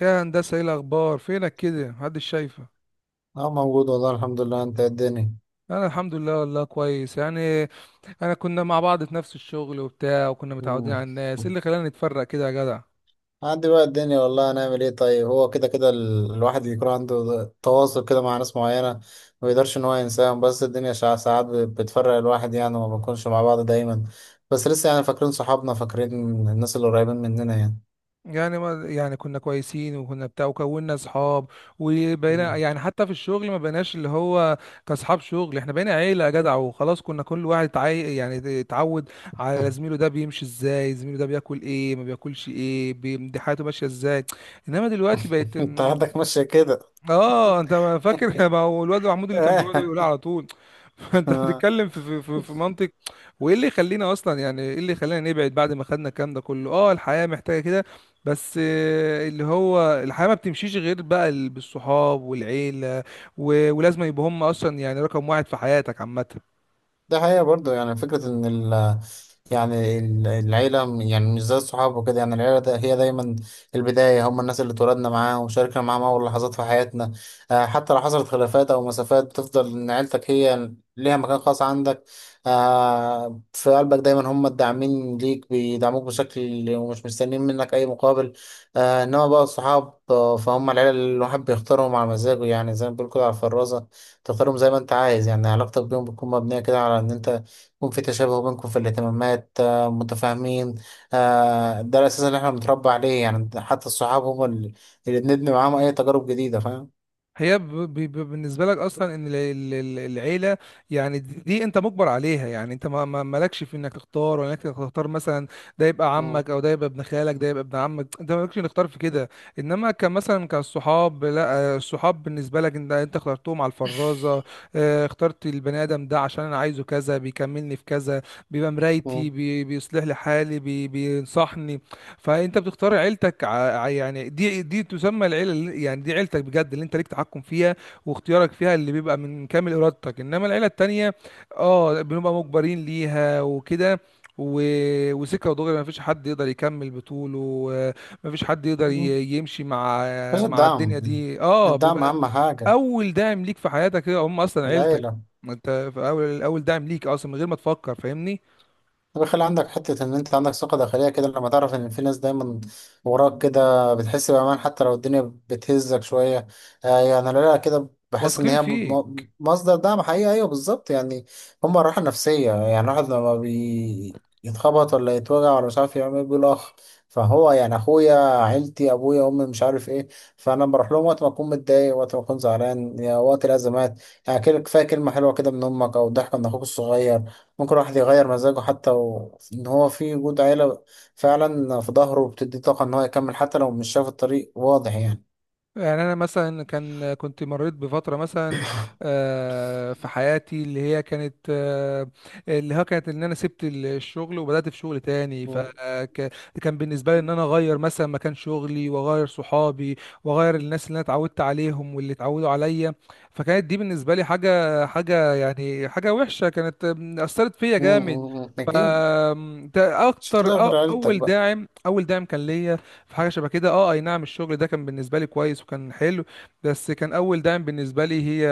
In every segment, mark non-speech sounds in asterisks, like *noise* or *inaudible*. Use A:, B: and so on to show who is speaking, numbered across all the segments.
A: يا هندسة، ايه الأخبار؟ فينك كده؟ محدش شايفة.
B: اه، موجود والله، الحمد لله. انت إيه الدنيا؟
A: أنا الحمد لله والله كويس يعني. أنا كنا مع بعض في نفس الشغل وبتاع، وكنا متعودين
B: مم.
A: على الناس. إيه اللي خلانا نتفرق كده يا جدع؟
B: عندي بقى الدنيا، والله هنعمل ايه؟ طيب، هو كده كده الواحد يكون عنده تواصل كده مع ناس معينة. ما يقدرش ان هو ينساهم، بس الدنيا ساعات بتفرق الواحد يعني، وما بنكونش مع بعض دايما. بس لسه يعني فاكرين صحابنا، فاكرين الناس اللي قريبين مننا يعني.
A: يعني ما يعني كنا كويسين وكنا بتاع وكونا أصحاب، وبقينا
B: مم.
A: يعني حتى في الشغل ما بقيناش اللي هو كأصحاب شغل، إحنا بقينا عيلة يا جدع. وخلاص كنا كل واحد تعي... يعني اتعود على
B: *laughs*
A: زميله، ده بيمشي إزاي، زميله ده بياكل إيه، ما بياكلش إيه، دي حياته ماشية إزاي. انما دلوقتي بقت.
B: انت عندك ماشية كده.
A: اه انت ما فاكر؟ *laughs* ما هو الواد محمود اللي كان بيقعد يقول
B: *laughs*
A: على طول. *laughs* انت بتتكلم في منطق. وايه اللي يخلينا اصلا، يعني ايه اللي يخلينا نبعد بعد ما خدنا الكلام ده كله؟ اه الحياه محتاجه كده. بس اللي هو الحياه ما بتمشيش غير بقى بالصحاب والعيله. ولازم يبقوا هم اصلا يعني رقم واحد في حياتك عامه.
B: ده حقيقة برضه، يعني فكرة إن يعني العيلة يعني مش زي الصحاب وكده. يعني العيلة ده هي دايما البداية، هم الناس اللي اتولدنا معاهم وشاركنا معاهم أول لحظات في حياتنا. آه، حتى لو حصلت خلافات أو مسافات، بتفضل إن عيلتك هي ليها مكان خاص عندك. آه، في قلبك دايما هم الداعمين ليك، بيدعموك بشكل ومش مستنيين منك أي مقابل. آه، إنما بقى الصحاب، فهم العيلة اللي الواحد بيختارهم على مزاجه، يعني زي ما بيقول كده على الفرازة. تختارهم زي ما انت عايز، يعني علاقتك بيهم بتكون مبنية كده على ان انت يكون في تشابه بينكم في الاهتمامات، آه، متفاهمين. آه، ده الاساس اللي احنا بنتربى عليه، يعني حتى الصحاب هم اللي بنبني معاهم اي تجارب جديدة، فاهم؟
A: هي بالنسبة لك أصلا إن العيلة، يعني دي أنت مجبر عليها. يعني أنت مالكش في إنك تختار، ولا إنك تختار مثلا ده يبقى
B: مم.
A: عمك، أو ده يبقى ابن خالك، ده يبقى ابن عمك. أنت مالكش إنك تختار في كده. إنما كان مثلا كالصحاب، لا الصحاب بالنسبة لك أنت، أنت اخترتهم على الفرازة. اخترت البني آدم ده عشان أنا عايزه كذا، بيكملني في كذا، بيبقى مرايتي،
B: مم.
A: بيصلح لي حالي، بينصحني. فانت بتختار عيلتك يعني دي تسمى العيله يعني دي عيلتك بجد، اللي انت ليك تحكم فيها واختيارك فيها اللي بيبقى من كامل ارادتك. انما العيله التانيه اه بنبقى مجبرين ليها وكده. و... وسكه ودغري، ما فيش حد يقدر يكمل بطوله، ما فيش حد يقدر
B: مم.
A: يمشي مع
B: بس
A: مع الدنيا
B: الدعم.
A: دي. اه
B: الدعم
A: بيبقى
B: اهم حاجة.
A: اول داعم ليك في حياتك هم اصلا عيلتك.
B: العيلة.
A: ما انت في اول، اول داعم ليك اصلا من غير ما تفكر، فاهمني؟
B: بيخلي عندك حتة إن أنت عندك ثقة داخلية كده، لما تعرف إن في ناس دايما وراك كده، بتحس بأمان حتى لو الدنيا بتهزك شوية. آه يعني أنا لا، كده بحس إن
A: واثقين
B: هي
A: فيك.
B: مصدر دعم حقيقي. أيوه بالظبط يعني، هما الراحة النفسية. يعني الواحد لما يتخبط ولا يتوجع ولا مش عارف يعمل إيه، بيقول أخ، فهو يعني أخويا، عيلتي، أبويا، أمي، مش عارف إيه. فأنا بروح لهم وقت ما أكون متضايق، وقت ما أكون زعلان، يعني وقت الأزمات، يعني كده. كفاية كلمة حلوة كده من أمك أو ضحكة من أخوك الصغير، ممكن الواحد يغير مزاجه. حتى ان هو في وجود عيلة فعلا في ظهره، بتدي طاقة ان هو يكمل حتى لو مش شايف الطريق واضح، يعني.
A: يعني انا مثلا كان كنت مريت بفتره مثلا في حياتي اللي هي كانت اللي هو كانت ان انا سبت الشغل وبدات في شغل تاني.
B: مم.
A: فكان بالنسبه لي ان انا اغير مثلا مكان شغلي، واغير صحابي، واغير الناس اللي انا اتعودت عليهم واللي اتعودوا عليا. فكانت دي بالنسبه لي حاجه يعني حاجه وحشه، كانت اثرت فيا
B: مم،
A: جامد.
B: مم، مم.
A: ف
B: اكيد.
A: آم، ده
B: مش
A: اكتر
B: هتلاقي
A: أ-
B: غير عيلتك
A: اول
B: بقى.
A: داعم اول داعم كان ليا في حاجه شبه كده. اه اي نعم الشغل ده كان بالنسبه لي كويس وكان حلو، بس كان اول داعم بالنسبه لي هي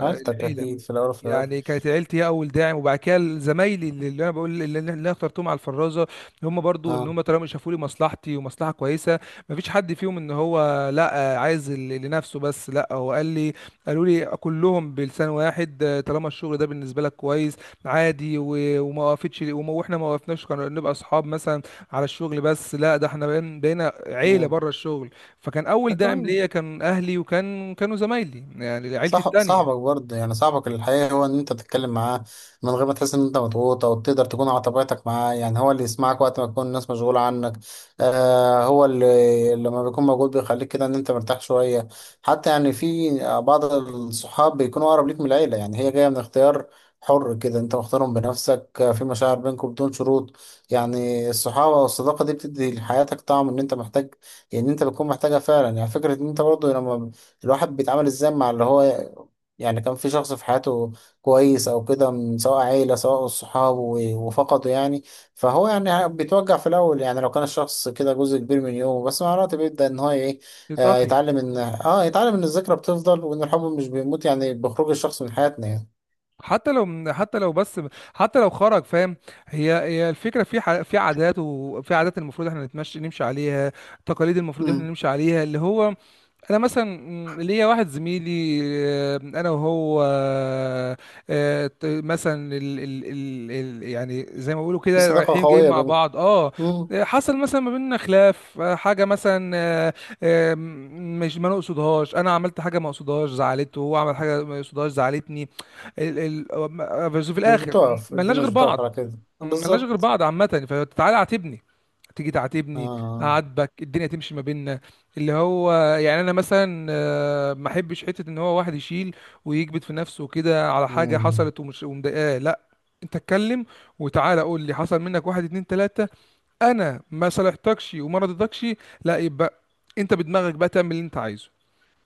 B: عيلتك
A: العيله.
B: اكيد في الاول وفي الاخر.
A: يعني كانت عيلتي هي اول داعم، وبعد كده زمايلي اللي انا بقول اللي انا اخترتهم على الفرازه. هم برضو ان
B: اه.
A: هم طالما شافوا لي مصلحتي ومصلحه كويسه، ما فيش حد فيهم ان هو لا عايز لنفسه بس، لا هو قال لي قالوا لي كلهم بلسان واحد، طالما الشغل ده بالنسبه لك كويس عادي. وما وقفتش، واحنا ما وقفناش كنا نبقى اصحاب مثلا على الشغل بس، لا ده احنا بقينا عيله
B: مم.
A: بره الشغل. فكان اول داعم
B: لكن
A: ليا كان اهلي، وكان كانوا زمايلي يعني عيلتي
B: صح، صاحبك
A: التانيه.
B: برضه يعني صاحبك الحقيقي، هو ان انت تتكلم معاه من غير ما تحس ان انت مضغوط، او تقدر تكون على طبيعتك معاه. يعني هو اللي يسمعك وقت ما تكون الناس مشغولة عنك. آه، هو اللي لما بيكون موجود بيخليك كده ان انت مرتاح شوية. حتى يعني في بعض الصحاب بيكونوا اقرب ليك من العيلة، يعني هي جاية من اختيار حر كده، انت مختارهم بنفسك، آه، في مشاعر بينكم بدون شروط. يعني الصحابة والصداقة دي بتدي لحياتك طعم ان انت محتاج، ان انت بتكون محتاجها فعلا. يعني فكرة ان انت برضه لما الواحد بيتعامل ازاي مع اللي هو، يعني كان في شخص في حياته كويس او كده سواء عيلة سواء صحابه وفقده، يعني فهو يعني بيتوجع في الاول، يعني لو كان الشخص كده جزء كبير من يومه، بس مع الوقت بيبدأ ان هو ايه، آه،
A: تتأقلم.
B: يتعلم ان الذكرى بتفضل، وان الحب مش بيموت يعني بخروج الشخص من حياتنا، يعني.
A: حتى لو، حتى لو، بس حتى لو خرج، فاهم؟ هي هي الفكره في في عادات، وفي عادات المفروض احنا نمشي عليها، تقاليد المفروض احنا
B: امم.
A: نمشي عليها اللي هو. انا مثلا ليا واحد زميلي، انا وهو مثلا ال يعني زي ما بيقولوا
B: في
A: كده
B: صداقة
A: رايحين جايين
B: قوية
A: مع
B: بينكم.
A: بعض اه.
B: امم.
A: حصل مثلا ما بيننا خلاف، حاجه مثلا مش ما نقصدهاش، انا عملت حاجه ما اقصدهاش زعلته، هو عمل حاجه ما يقصدهاش زعلتني. ال ال بس في
B: مش
A: الاخر
B: بتقف
A: ملناش
B: الدنيا،
A: غير
B: مش بتقف
A: بعض.
B: على كده
A: ملناش غير
B: بالظبط.
A: بعض عامه، فتعالى اعاتبني، تيجي تعاتبني،
B: اه.
A: اعاتبك، الدنيا تمشي ما بيننا. اللي هو يعني انا مثلا ما احبش حته ان هو واحد يشيل ويكبت في نفسه وكده على حاجه
B: مم.
A: حصلت ومش ومضايقاه. لا، انت اتكلم، وتعالى قول لي حصل منك واحد اتنين تلاته، انا ما صالحتكش وما رضيتكش، لا يبقى انت بدماغك بقى تعمل اللي انت عايزه.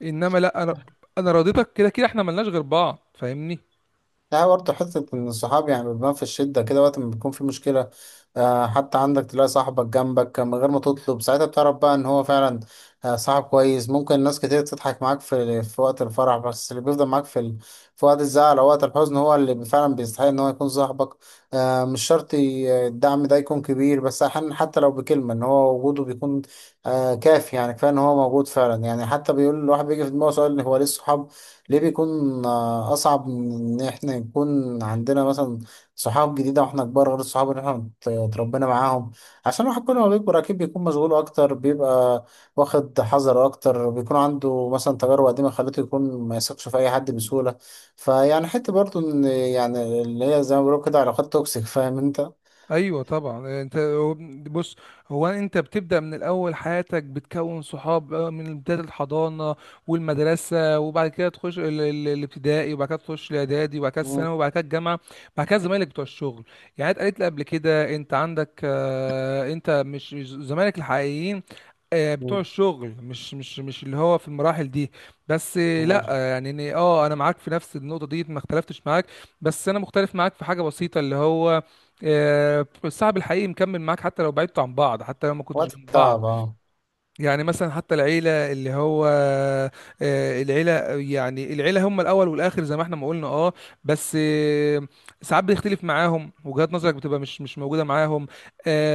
A: انما لا انا انا راضيتك، كده كده احنا ملناش غير بعض، فاهمني؟
B: لا، برضه حتة إن الصحاب يعني بيبان في الشدة كده وقت ما بيكون في مشكلة. آه، حتى عندك تلاقي صاحبك جنبك من غير ما تطلب، ساعتها بتعرف بقى إن هو فعلا آه، صاحب كويس. ممكن ناس كتير تضحك معاك في وقت الفرح، بس اللي بيفضل معاك في وقت الزعل أو وقت الحزن، هو اللي فعلا بيستحق إن هو يكون صاحبك. آه، مش شرط الدعم ده يكون كبير، بس أحيانا حتى لو بكلمة، إن هو وجوده بيكون آه كافي، يعني كفاية إن هو موجود فعلا. يعني حتى بيقول الواحد، بيجي في دماغه سؤال، هو ليه الصحاب ليه بيكون آه، أصعب من إن إحنا يكون عندنا مثلا صحاب جديدة وإحنا كبار، غير الصحاب اللي إحنا اتربينا معاهم؟ عشان الواحد كل ما بيكبر أكيد بيكون مشغول أكتر، بيبقى واخد حذر أكتر، بيكون عنده مثلا تجارب قديمة خلته يكون ما يثقش في أي حد بسهولة. فيعني حتة برضه إن، يعني اللي هي زي ما بيقولوا كده، علاقات توكسيك، فاهم أنت.
A: ايوه طبعا. بص، هو انت بتبدا من الاول، حياتك بتكون صحاب بقى من بدايه الحضانه والمدرسه، وبعد كده تخش الابتدائي، وبعد كده تخش الاعدادي، وبعد كده
B: مم.
A: الثانوي، وبعد كده الجامعه. بعد كده زمايلك بتوع الشغل. يعني انت قالت لي قبل كده انت عندك انت مش زمايلك الحقيقيين بتوع
B: مم.
A: الشغل، مش اللي هو في المراحل دي. بس آه،
B: مم.
A: لا آه، يعني انا معاك في نفس النقطه دي، ما اختلفتش معاك. بس انا مختلف معاك في حاجه بسيطه اللي هو الصاحب الحقيقي مكمل معاك حتى لو بعدتوا عن بعض، حتى لو ما كنتوش
B: وقت
A: جنب
B: التعب
A: بعض.
B: أه.
A: يعني مثلا حتى العيلة اللي هو العيلة يعني العيلة هم الأول والآخر زي ما احنا ما قلنا اه. بس ساعات بيختلف معاهم وجهات نظرك، بتبقى مش موجودة معاهم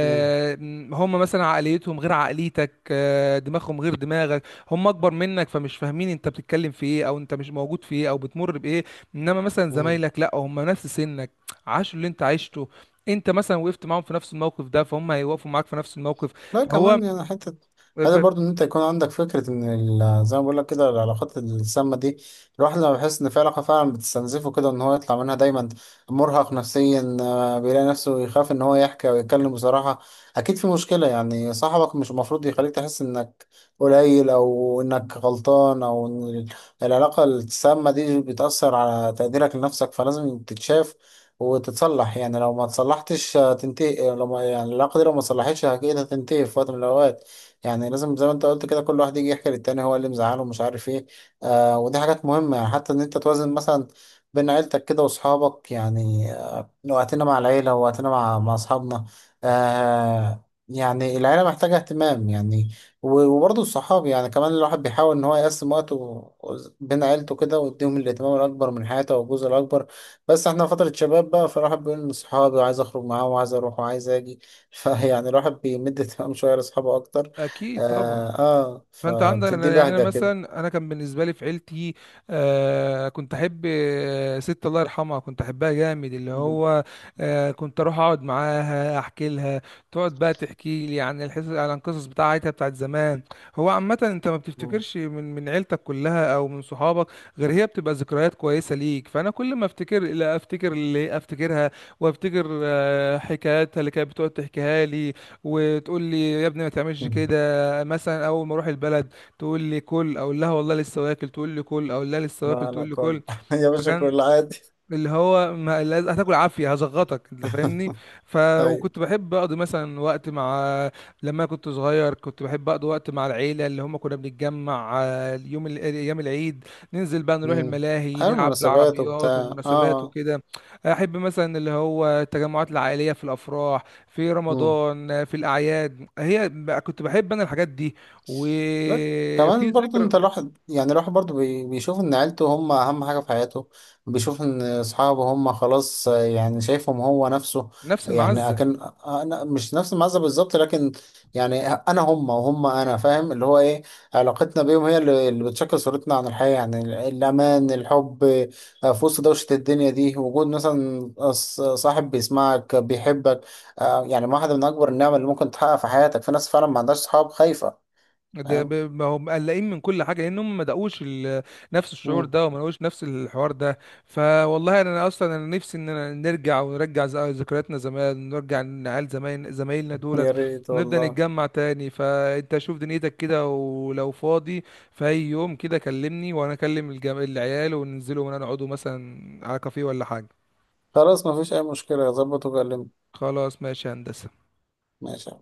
B: مم.
A: هم مثلا عقليتهم غير عقليتك، دماغهم غير دماغك، هم أكبر منك، فمش فاهمين أنت بتتكلم في إيه، أو أنت مش موجود في إيه، أو بتمر بإيه. إنما مثلا
B: مم.
A: زمايلك لأ، هم نفس سنك، عاشوا اللي أنت عشته، أنت مثلا وقفت معاهم في نفس الموقف ده فهم هيوقفوا معاك في نفس الموقف.
B: لا
A: فهو
B: كمان يعني حتة. هذا برضو ان انت يكون عندك فكرة ان زي ما بقول لك كده العلاقات السامة دي، الواحد لما بيحس ان في علاقة فعلا بتستنزفه كده، ان هو يطلع منها دايما مرهق نفسيا آه، بيلاقي نفسه يخاف ان هو يحكي او يتكلم بصراحة، اكيد في مشكلة. يعني صاحبك مش المفروض يخليك تحس انك قليل، او انك غلطان، او ان العلاقة السامة دي بتأثر على تقديرك لنفسك، فلازم تتشاف وتتصلح. يعني لو ما تصلحتش هتنتهي، لو ما يعني العلاقة دي لو ما تصلحتش أكيد هتنتهي في وقت من الأوقات. يعني لازم زي ما أنت قلت كده، كل واحد يجي يحكي للتاني هو اللي مزعله ومش عارف إيه. آه ودي حاجات مهمة، يعني حتى إن أنت توازن مثلا بين عيلتك كده وأصحابك. يعني آه، وقتنا مع العيلة ووقتنا مع أصحابنا. آه، يعني العيلة محتاجة اهتمام يعني، وبرضه الصحاب، يعني كمان الواحد بيحاول إن هو يقسم وقته بين عيلته كده، ويديهم الاهتمام الأكبر من حياته والجزء الأكبر. بس احنا فترة شباب بقى، فالواحد بيقول لصحابي، وعايز اخرج معاهم وعايز اروح وعايز اجي. *laughs* فيعني الواحد بيمد تمام شوية لاصحابه اكتر.
A: اكيد طبعا.
B: اه، آه
A: فانت عندك
B: فبتدي
A: يعني انا
B: بهجة كده.
A: مثلا انا كان بالنسبه لي في عيلتي كنت احب ست الله يرحمها كنت احبها جامد اللي
B: مم.
A: هو. كنت اروح اقعد معاها احكي لها، تقعد بقى تحكي لي عن الحس، عن القصص بتاعتها بتاعت زمان. هو عامه انت ما
B: مم.
A: بتفتكرش من عيلتك كلها او من صحابك غير هي، بتبقى ذكريات كويسه ليك. فانا كل ما افتكر، لا افتكر اللي افتكرها، وافتكر حكاياتها اللي كانت بتقعد تحكيها لي، وتقول لي يا ابني ما تعملش
B: مم.
A: كده. مثلا اول ما اروح البلد تقول لي كل، اقول لها والله لسه واكل، تقول لي كل، اقول لها لسه واكل،
B: لا لا،
A: تقول لي
B: كل.
A: كل.
B: *laughs* يا باشا
A: فكان
B: كل عادي.
A: اللي هو ما لاز- هتاكل عافيه، هزغطك، انت فاهمني؟
B: *laughs*
A: ف
B: ايوه.
A: وكنت بحب اقضي مثلا وقت مع، لما كنت صغير كنت بحب اقضي وقت مع العيله اللي هم كنا بنتجمع اليوم ايام العيد، ننزل بقى نروح
B: مم.
A: الملاهي،
B: على
A: نلعب
B: المناسبات
A: بالعربيات،
B: وبتاع. اه،
A: والمناسبات
B: آه.
A: وكده. احب مثلا اللي هو التجمعات العائليه، في الافراح، في
B: مم.
A: رمضان في الاعياد. هي كنت بحب انا الحاجات دي
B: لا
A: وفي
B: كمان برضه
A: ذكرى.
B: انت، الواحد يعني الواحد برضه بيشوف ان عيلته هم اهم حاجة في حياته، بيشوف ان اصحابه هم خلاص. آه، يعني شايفهم هو نفسه
A: نفس
B: يعني،
A: المعزه.
B: اكن انا مش نفس المعزة بالظبط، لكن يعني انا هم وهم انا، فاهم اللي هو ايه. علاقتنا بيهم هي اللي بتشكل صورتنا عن الحياة، يعني الامان، الحب، آه، في وسط دوشة الدنيا دي، وجود مثلا صاحب بيسمعك بيحبك آه، يعني واحدة من اكبر النعم اللي ممكن تحقق في حياتك. في ناس فعلا ما عندهاش صحاب خايفة. فاهم.
A: ما هم مقلقين من كل حاجه لان هم ما دقوش نفس الشعور
B: مم.
A: ده، وما دقوش نفس الحوار ده. فوالله انا، أنا اصلا انا نفسي اننا نرجع، ونرجع ذكرياتنا زمان، ونرجع نعال زمان زمايلنا
B: يا
A: دولت،
B: ريت
A: ونبدا
B: والله.
A: نتجمع تاني. فانت شوف دنيتك كده، ولو فاضي في اي يوم كده كلمني، وانا اكلم العيال، وننزلوا ونقعدوا مثلا على كافيه ولا حاجه.
B: خلاص مفيش أي مشكلة، ظبط وكلمني.
A: خلاص ماشي يا هندسه.
B: ماشي.